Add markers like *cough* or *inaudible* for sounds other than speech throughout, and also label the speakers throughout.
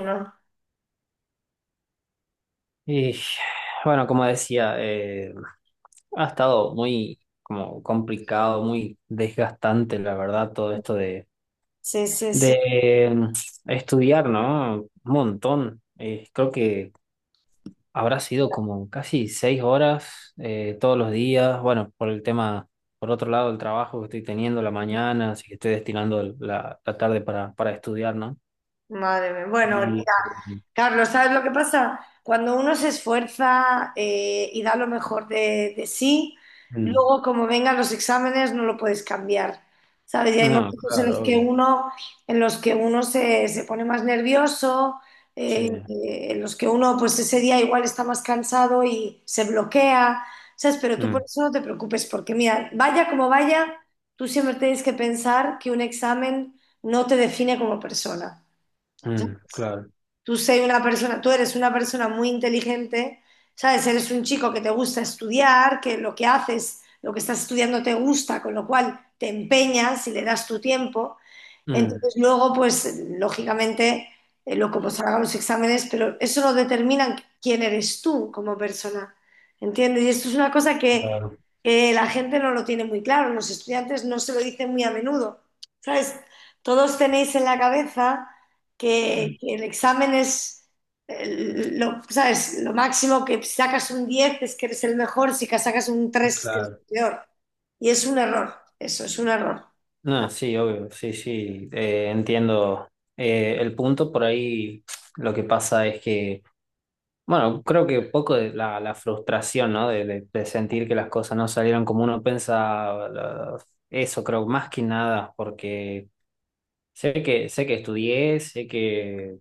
Speaker 1: No.
Speaker 2: Y bueno, como decía, ha estado muy como complicado, muy desgastante, la verdad, todo esto de,
Speaker 1: Sí, sí, sí.
Speaker 2: de estudiar, ¿no? Un montón. Creo que habrá sido como casi 6 horas todos los días. Bueno, por el tema, por otro lado, el trabajo que estoy teniendo la mañana, así que estoy destinando la, la tarde para estudiar, ¿no?
Speaker 1: Madre mía. Bueno,
Speaker 2: Y
Speaker 1: mira,
Speaker 2: mm,
Speaker 1: Carlos, ¿sabes lo que pasa? Cuando uno se esfuerza y da lo mejor de sí,
Speaker 2: mm,
Speaker 1: luego como vengan los exámenes no lo puedes cambiar, ¿sabes? Y hay
Speaker 2: no,
Speaker 1: momentos en
Speaker 2: claro,
Speaker 1: los que
Speaker 2: obvio.
Speaker 1: uno, en los que uno se, se pone más nervioso,
Speaker 2: Sí.
Speaker 1: en los que uno pues ese día igual está más cansado y se bloquea, ¿sabes? Pero tú por
Speaker 2: Mm,
Speaker 1: eso no te preocupes, porque mira, vaya como vaya, tú siempre tienes que pensar que un examen no te define como persona.
Speaker 2: mm, claro.
Speaker 1: Tú sé una persona, tú eres una persona muy inteligente, ¿sabes? Eres un chico que te gusta estudiar, que lo que haces, lo que estás estudiando te gusta, con lo cual te empeñas y le das tu tiempo.
Speaker 2: Mm.
Speaker 1: Entonces, luego, pues, lógicamente, lo como salgan los exámenes, pero eso no determina quién eres tú como persona, ¿entiendes? Y esto es una cosa
Speaker 2: Claro,
Speaker 1: que la gente no lo tiene muy claro, los estudiantes no se lo dicen muy a menudo, ¿sabes? Todos tenéis en la cabeza que el examen es, lo, ¿sabes? Lo máximo que si sacas un 10 es que eres el mejor, si que sacas un tres es que eres
Speaker 2: claro.
Speaker 1: el peor. Y es un error, eso es un error.
Speaker 2: No, sí, obvio, sí, sí, entiendo el punto por ahí. Lo que pasa es que, bueno, creo que un poco de la frustración, ¿no? De, de sentir que las cosas no salieron como uno pensaba, eso creo más que nada, porque sé que estudié, sé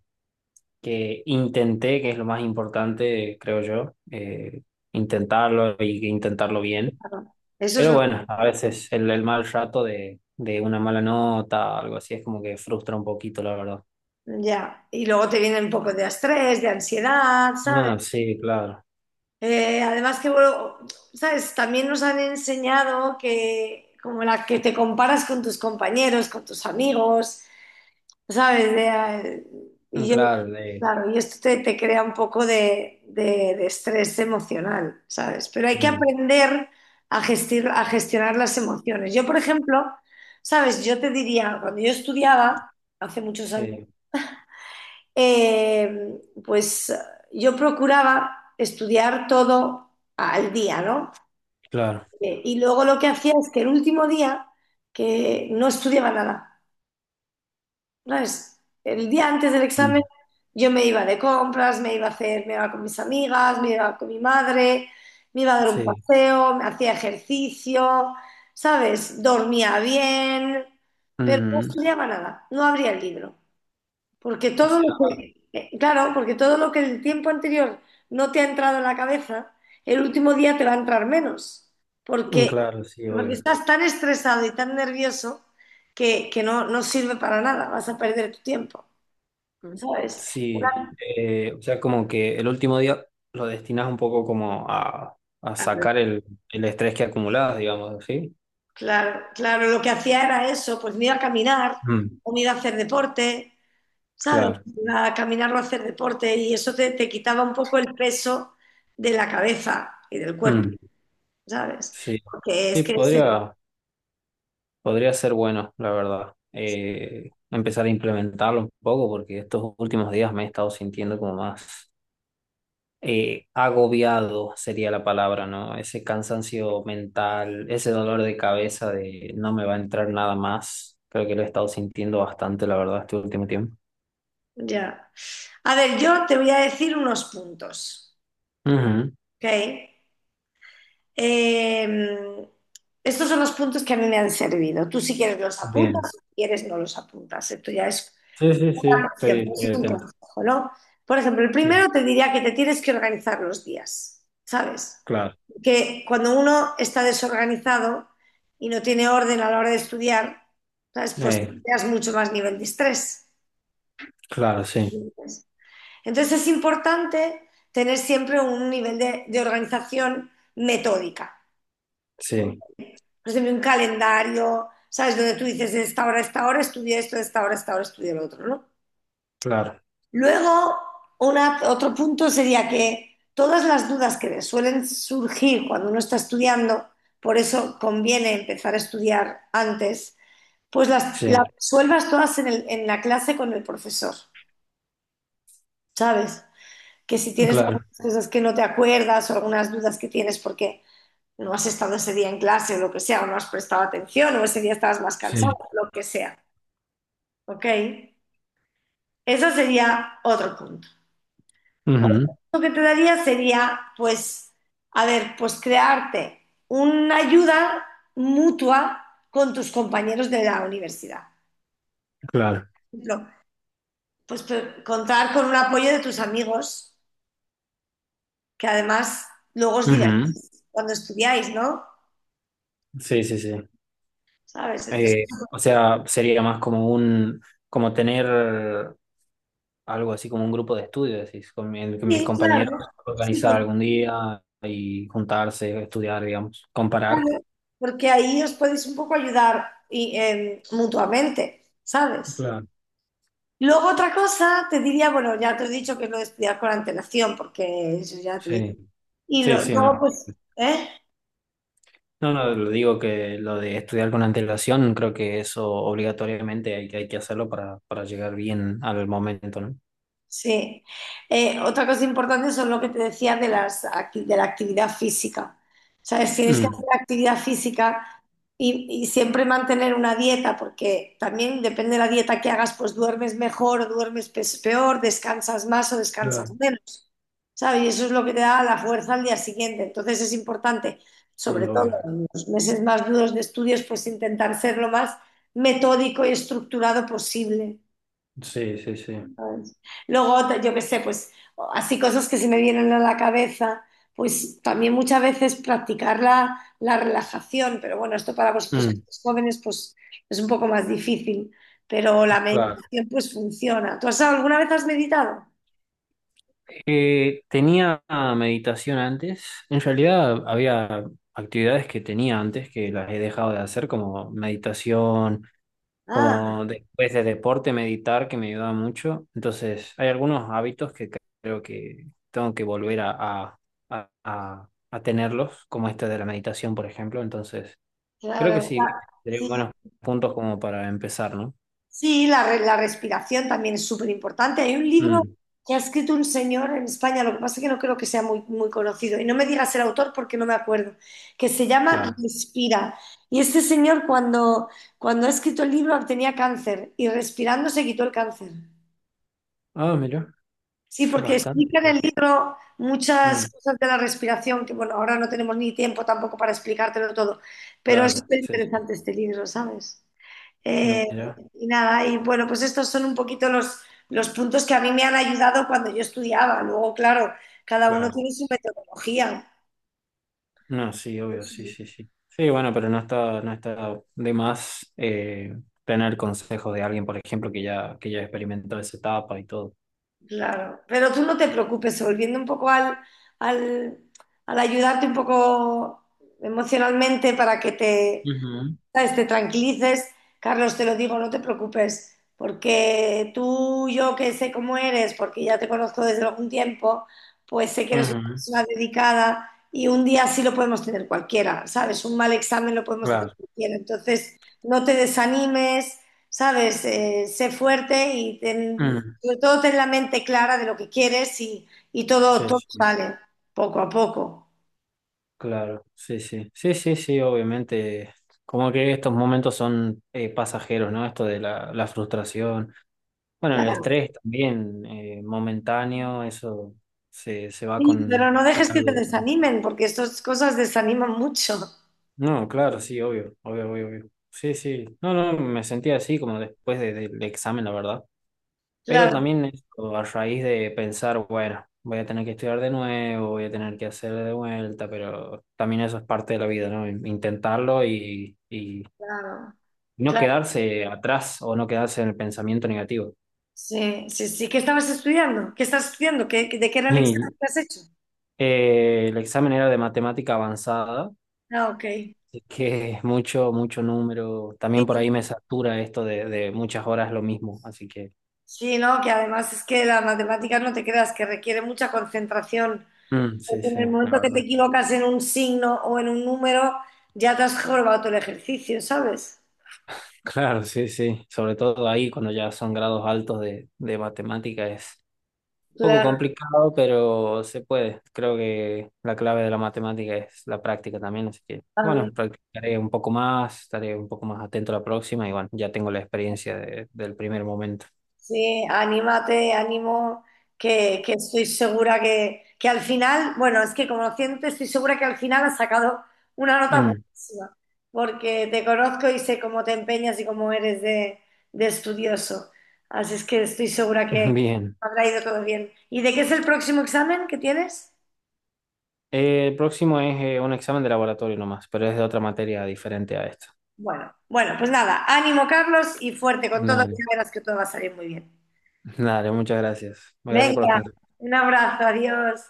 Speaker 2: que intenté, que es lo más importante, creo yo, intentarlo y intentarlo bien.
Speaker 1: Eso es
Speaker 2: Pero
Speaker 1: lo.
Speaker 2: bueno, a veces el mal rato de una mala nota, algo así, es como que frustra un poquito, la verdad.
Speaker 1: Ya, y luego te viene un poco de estrés, de ansiedad, ¿sabes?
Speaker 2: Ah, sí, claro.
Speaker 1: Además que, bueno, ¿sabes? También nos han enseñado que como la que te comparas con tus compañeros, con tus amigos, ¿sabes? De,
Speaker 2: Mm,
Speaker 1: y yo,
Speaker 2: claro, de,
Speaker 1: claro, y esto te, te crea un poco de, de estrés emocional, ¿sabes? Pero hay que
Speaker 2: mm,
Speaker 1: aprender a gestionar las emociones. Yo, por ejemplo, ¿sabes? Yo te diría, cuando yo estudiaba, hace muchos años,
Speaker 2: sí,
Speaker 1: pues yo procuraba estudiar todo al día, ¿no?
Speaker 2: claro.
Speaker 1: Y luego lo que hacía es que el último día, que no estudiaba nada, ¿sabes? El día antes del examen
Speaker 2: Mm,
Speaker 1: yo me iba de compras, me iba a hacer, me iba con mis amigas, me iba con mi madre, me iba a dar un
Speaker 2: sí.
Speaker 1: paseo, me hacía ejercicio, ¿sabes? Dormía bien, pero no
Speaker 2: Ujú.
Speaker 1: estudiaba nada, no abría el libro. Porque
Speaker 2: O
Speaker 1: todo lo
Speaker 2: sea,
Speaker 1: que, claro, porque todo lo que el tiempo anterior no te ha entrado en la cabeza, el último día te va a entrar menos.
Speaker 2: mm,
Speaker 1: Porque,
Speaker 2: claro, sí,
Speaker 1: porque
Speaker 2: obvio.
Speaker 1: estás tan estresado y tan nervioso que no, no sirve para nada, vas a perder tu tiempo,
Speaker 2: Mm.
Speaker 1: ¿sabes?
Speaker 2: Sí, o sea, como que el último día lo destinas un poco como a sacar el estrés que acumulabas, digamos, ¿sí?
Speaker 1: Claro, claro, lo que hacía era eso, pues me iba a caminar
Speaker 2: Mm,
Speaker 1: o me iba a hacer deporte, ¿sabes?
Speaker 2: claro.
Speaker 1: Iba a caminar o a hacer deporte y eso te, te quitaba un poco el peso de la cabeza y del cuerpo,
Speaker 2: Mm,
Speaker 1: ¿sabes?
Speaker 2: sí.
Speaker 1: Porque es
Speaker 2: Sí,
Speaker 1: que es.
Speaker 2: podría. Podría ser bueno, la verdad. Empezar a implementarlo un poco porque estos últimos días me he estado sintiendo como más agobiado, sería la palabra, ¿no? Ese cansancio mental, ese dolor de cabeza de no me va a entrar nada más. Creo que lo he estado sintiendo bastante, la verdad, este último tiempo.
Speaker 1: Ya. A ver, yo te voy a decir unos puntos,
Speaker 2: Ujú.
Speaker 1: ¿ok? Eh, estos son los puntos que a mí me han servido. Tú si quieres los apuntas,
Speaker 2: Bien.
Speaker 1: si quieres no los apuntas. Esto ya es
Speaker 2: Sí, sí, sí,
Speaker 1: una cuestión, no
Speaker 2: estoy
Speaker 1: es un
Speaker 2: atento.
Speaker 1: consejo, ¿no? Por ejemplo, el
Speaker 2: Bien,
Speaker 1: primero te diría que te tienes que organizar los días, ¿sabes?
Speaker 2: claro.
Speaker 1: Que cuando uno está desorganizado y no tiene orden a la hora de estudiar, ¿sabes? Pues
Speaker 2: Eh,
Speaker 1: tienes mucho más nivel de estrés.
Speaker 2: claro, sí,
Speaker 1: Entonces es importante tener siempre un nivel de organización metódica.
Speaker 2: sí,
Speaker 1: Pues sé, un calendario, ¿sabes? Donde tú dices, de esta hora a esta hora estudio esto, de esta hora a esta hora estudio lo otro, ¿no?
Speaker 2: claro,
Speaker 1: Luego, otro punto sería que todas las dudas que suelen surgir cuando uno está estudiando, por eso conviene empezar a estudiar antes, pues las
Speaker 2: sí,
Speaker 1: resuelvas todas en en la clase con el profesor, ¿sabes? Que si tienes
Speaker 2: claro,
Speaker 1: algunas cosas que no te acuerdas o algunas dudas que tienes porque no has estado ese día en clase o lo que sea, o no has prestado atención, o ese día estabas más cansado,
Speaker 2: sí.
Speaker 1: lo que sea, ¿ok? Eso sería otro punto. Otro
Speaker 2: Ujú.
Speaker 1: punto que te daría sería, pues, a ver, pues crearte una ayuda mutua con tus compañeros de la universidad.
Speaker 2: Claro.
Speaker 1: Por ejemplo, pues contar con un apoyo de tus amigos, que además luego os
Speaker 2: Ujú.
Speaker 1: divertís cuando estudiáis, ¿no?
Speaker 2: Sí, sí, sí.
Speaker 1: ¿Sabes? Entonces,
Speaker 2: O sea, sería más como un, como tener algo así como un grupo de estudio, decís, con mi- el mis
Speaker 1: sí,
Speaker 2: compañeros
Speaker 1: claro. Sí,
Speaker 2: organizar
Speaker 1: porque,
Speaker 2: algún día y juntarse, estudiar, digamos, comparar.
Speaker 1: claro, porque ahí os podéis un poco ayudar y, mutuamente, ¿sabes?
Speaker 2: Claro.
Speaker 1: Luego otra cosa, te diría, bueno, ya te he dicho que es lo de estudiar con antelación, porque eso ya te digo.
Speaker 2: Sí,
Speaker 1: Y
Speaker 2: sí, sí,
Speaker 1: luego,
Speaker 2: no.
Speaker 1: pues, ¿eh?
Speaker 2: No, no, lo digo que lo de estudiar con antelación, creo que eso obligatoriamente hay, hay que hacerlo para llegar bien al momento, ¿no?
Speaker 1: Sí. Otra cosa importante son lo que te decía de las, de la actividad física. ¿Sabes? Tienes que hacer
Speaker 2: Mm.
Speaker 1: actividad física y siempre mantener una dieta, porque también depende de la dieta que hagas, pues duermes mejor o duermes peor, descansas más o descansas
Speaker 2: Claro.
Speaker 1: menos. ¿Sabes? Y eso es lo que te da la fuerza al día siguiente. Entonces es importante,
Speaker 2: Sí,
Speaker 1: sobre todo
Speaker 2: obvio.
Speaker 1: en los meses más duros de estudios, pues intentar ser lo más metódico y estructurado posible.
Speaker 2: Sí, sí, sí.
Speaker 1: Luego, yo qué sé, pues así cosas que se me vienen a la cabeza, pues también muchas veces practicar la, la relajación, pero bueno, esto para vosotros que
Speaker 2: Mm,
Speaker 1: sois jóvenes pues es un poco más difícil, pero la
Speaker 2: claro.
Speaker 1: meditación pues funciona. ¿Tú has, alguna vez has meditado?
Speaker 2: Tenía meditación antes. En realidad había actividades que tenía antes que las he dejado de hacer, como meditación,
Speaker 1: Ah,
Speaker 2: como después de deporte meditar, que me ayudaba mucho. Entonces, hay algunos hábitos que creo que tengo que volver a, a- a tenerlos, como este de la meditación, por ejemplo. Entonces, creo que
Speaker 1: claro,
Speaker 2: sí, creo
Speaker 1: claro.
Speaker 2: que serían buenos puntos como para empezar, ¿no?
Speaker 1: Sí, la, la respiración también es súper importante. Hay un libro
Speaker 2: Mm,
Speaker 1: que ha escrito un señor en España, lo que pasa es que no creo que sea muy, muy conocido. Y no me digas el autor porque no me acuerdo, que se llama
Speaker 2: claro.
Speaker 1: Respira. Y este señor cuando, cuando ha escrito el libro tenía cáncer y respirando se quitó el cáncer.
Speaker 2: Ah, mira,
Speaker 1: Sí, porque
Speaker 2: bastante.
Speaker 1: explica en el libro muchas
Speaker 2: Mm,
Speaker 1: cosas de la respiración, que bueno, ahora no tenemos ni tiempo tampoco para explicártelo todo, pero es
Speaker 2: claro,
Speaker 1: súper
Speaker 2: sí, sí.
Speaker 1: interesante este libro, ¿sabes? Eh,
Speaker 2: Mira.
Speaker 1: y nada, y bueno, pues estos son un poquito los puntos que a mí me han ayudado cuando yo estudiaba. Luego, claro, cada uno
Speaker 2: Claro.
Speaker 1: tiene su metodología.
Speaker 2: No, sí, obvio, sí,
Speaker 1: Sí.
Speaker 2: sí, sí. Sí, bueno, pero no está, no está de más tener consejos de alguien, por ejemplo, que ya experimentó esa etapa y todo.
Speaker 1: Claro, pero tú no te preocupes, volviendo un poco al, al, al ayudarte un poco emocionalmente para que te,
Speaker 2: Ujú,
Speaker 1: ¿sabes? Te tranquilices, Carlos, te lo digo, no te preocupes, porque tú, yo que sé cómo eres, porque ya te conozco desde algún tiempo, pues sé que eres una
Speaker 2: ujú,
Speaker 1: persona dedicada y un día sí lo podemos tener cualquiera, ¿sabes? Un mal examen lo podemos hacer
Speaker 2: claro.
Speaker 1: cualquiera. Entonces, no te desanimes, ¿sabes? Sé fuerte y
Speaker 2: Mm,
Speaker 1: sobre todo ten la mente clara de lo que quieres y todo,
Speaker 2: sí,
Speaker 1: todo
Speaker 2: sí,
Speaker 1: sale poco a poco.
Speaker 2: claro, sí, sí. Sí, sí, sí, obviamente. Como que estos momentos son pasajeros, ¿no? Esto de la frustración. Bueno, el
Speaker 1: Claro.
Speaker 2: estrés también, momentáneo, eso se, se va
Speaker 1: Sí, pero no
Speaker 2: con
Speaker 1: dejes que te
Speaker 2: algo.
Speaker 1: desanimen, porque estas cosas desaniman mucho.
Speaker 2: No, claro, sí, obvio, obvio, obvio, obvio. Sí, sí. No, no, me sentía así como del examen, la verdad. Pero
Speaker 1: Claro,
Speaker 2: también esto, a raíz de pensar, bueno, voy a tener que estudiar de nuevo, voy a tener que hacer de vuelta, pero también eso es parte de la vida, ¿no? Intentarlo y
Speaker 1: claro,
Speaker 2: no
Speaker 1: claro.
Speaker 2: quedarse atrás o no quedarse en el pensamiento negativo.
Speaker 1: Sí, sí, sí. ¿Qué estabas estudiando? ¿Qué estás estudiando? ¿Qué, de qué era el examen
Speaker 2: Y
Speaker 1: que has hecho?
Speaker 2: el examen era de matemática avanzada.
Speaker 1: Ah, ok.
Speaker 2: Así que es mucho, mucho número.
Speaker 1: Sí,
Speaker 2: También por ahí me satura esto de muchas horas lo mismo. Así que
Speaker 1: sí, no, que además es que las matemáticas no te creas, que requiere mucha concentración.
Speaker 2: mm, sí,
Speaker 1: Porque
Speaker 2: sí,
Speaker 1: en el
Speaker 2: la
Speaker 1: momento que
Speaker 2: verdad.
Speaker 1: te equivocas en un signo o en un número, ya te has jorobado todo el ejercicio, ¿sabes?
Speaker 2: Claro, sí, sí. Sobre todo ahí cuando ya son grados altos de matemática es un poco
Speaker 1: Claro,
Speaker 2: complicado, pero se puede. Creo que la clave de la matemática es la práctica también, así que bueno, practicaré un poco más, estaré un poco más atento a la próxima y bueno, ya tengo la experiencia del primer momento.
Speaker 1: sí, anímate, ánimo, que estoy segura que al final, bueno, es que conociéndote, estoy segura que al final has sacado una nota
Speaker 2: Mm,
Speaker 1: buenísima, porque te conozco y sé cómo te empeñas y cómo eres de estudioso. Así es que estoy segura
Speaker 2: *laughs*
Speaker 1: que
Speaker 2: bien.
Speaker 1: habrá ido todo bien. ¿Y de qué es el próximo examen que tienes?
Speaker 2: El próximo es un examen de laboratorio nomás, pero es de otra materia diferente a esto.
Speaker 1: Bueno, bueno, pues nada, ánimo, Carlos, y fuerte con todo, que
Speaker 2: Dale,
Speaker 1: ya verás que todo va a salir muy bien.
Speaker 2: dale, muchas gracias. Gracias por los
Speaker 1: Venga,
Speaker 2: consejos.
Speaker 1: un abrazo, adiós.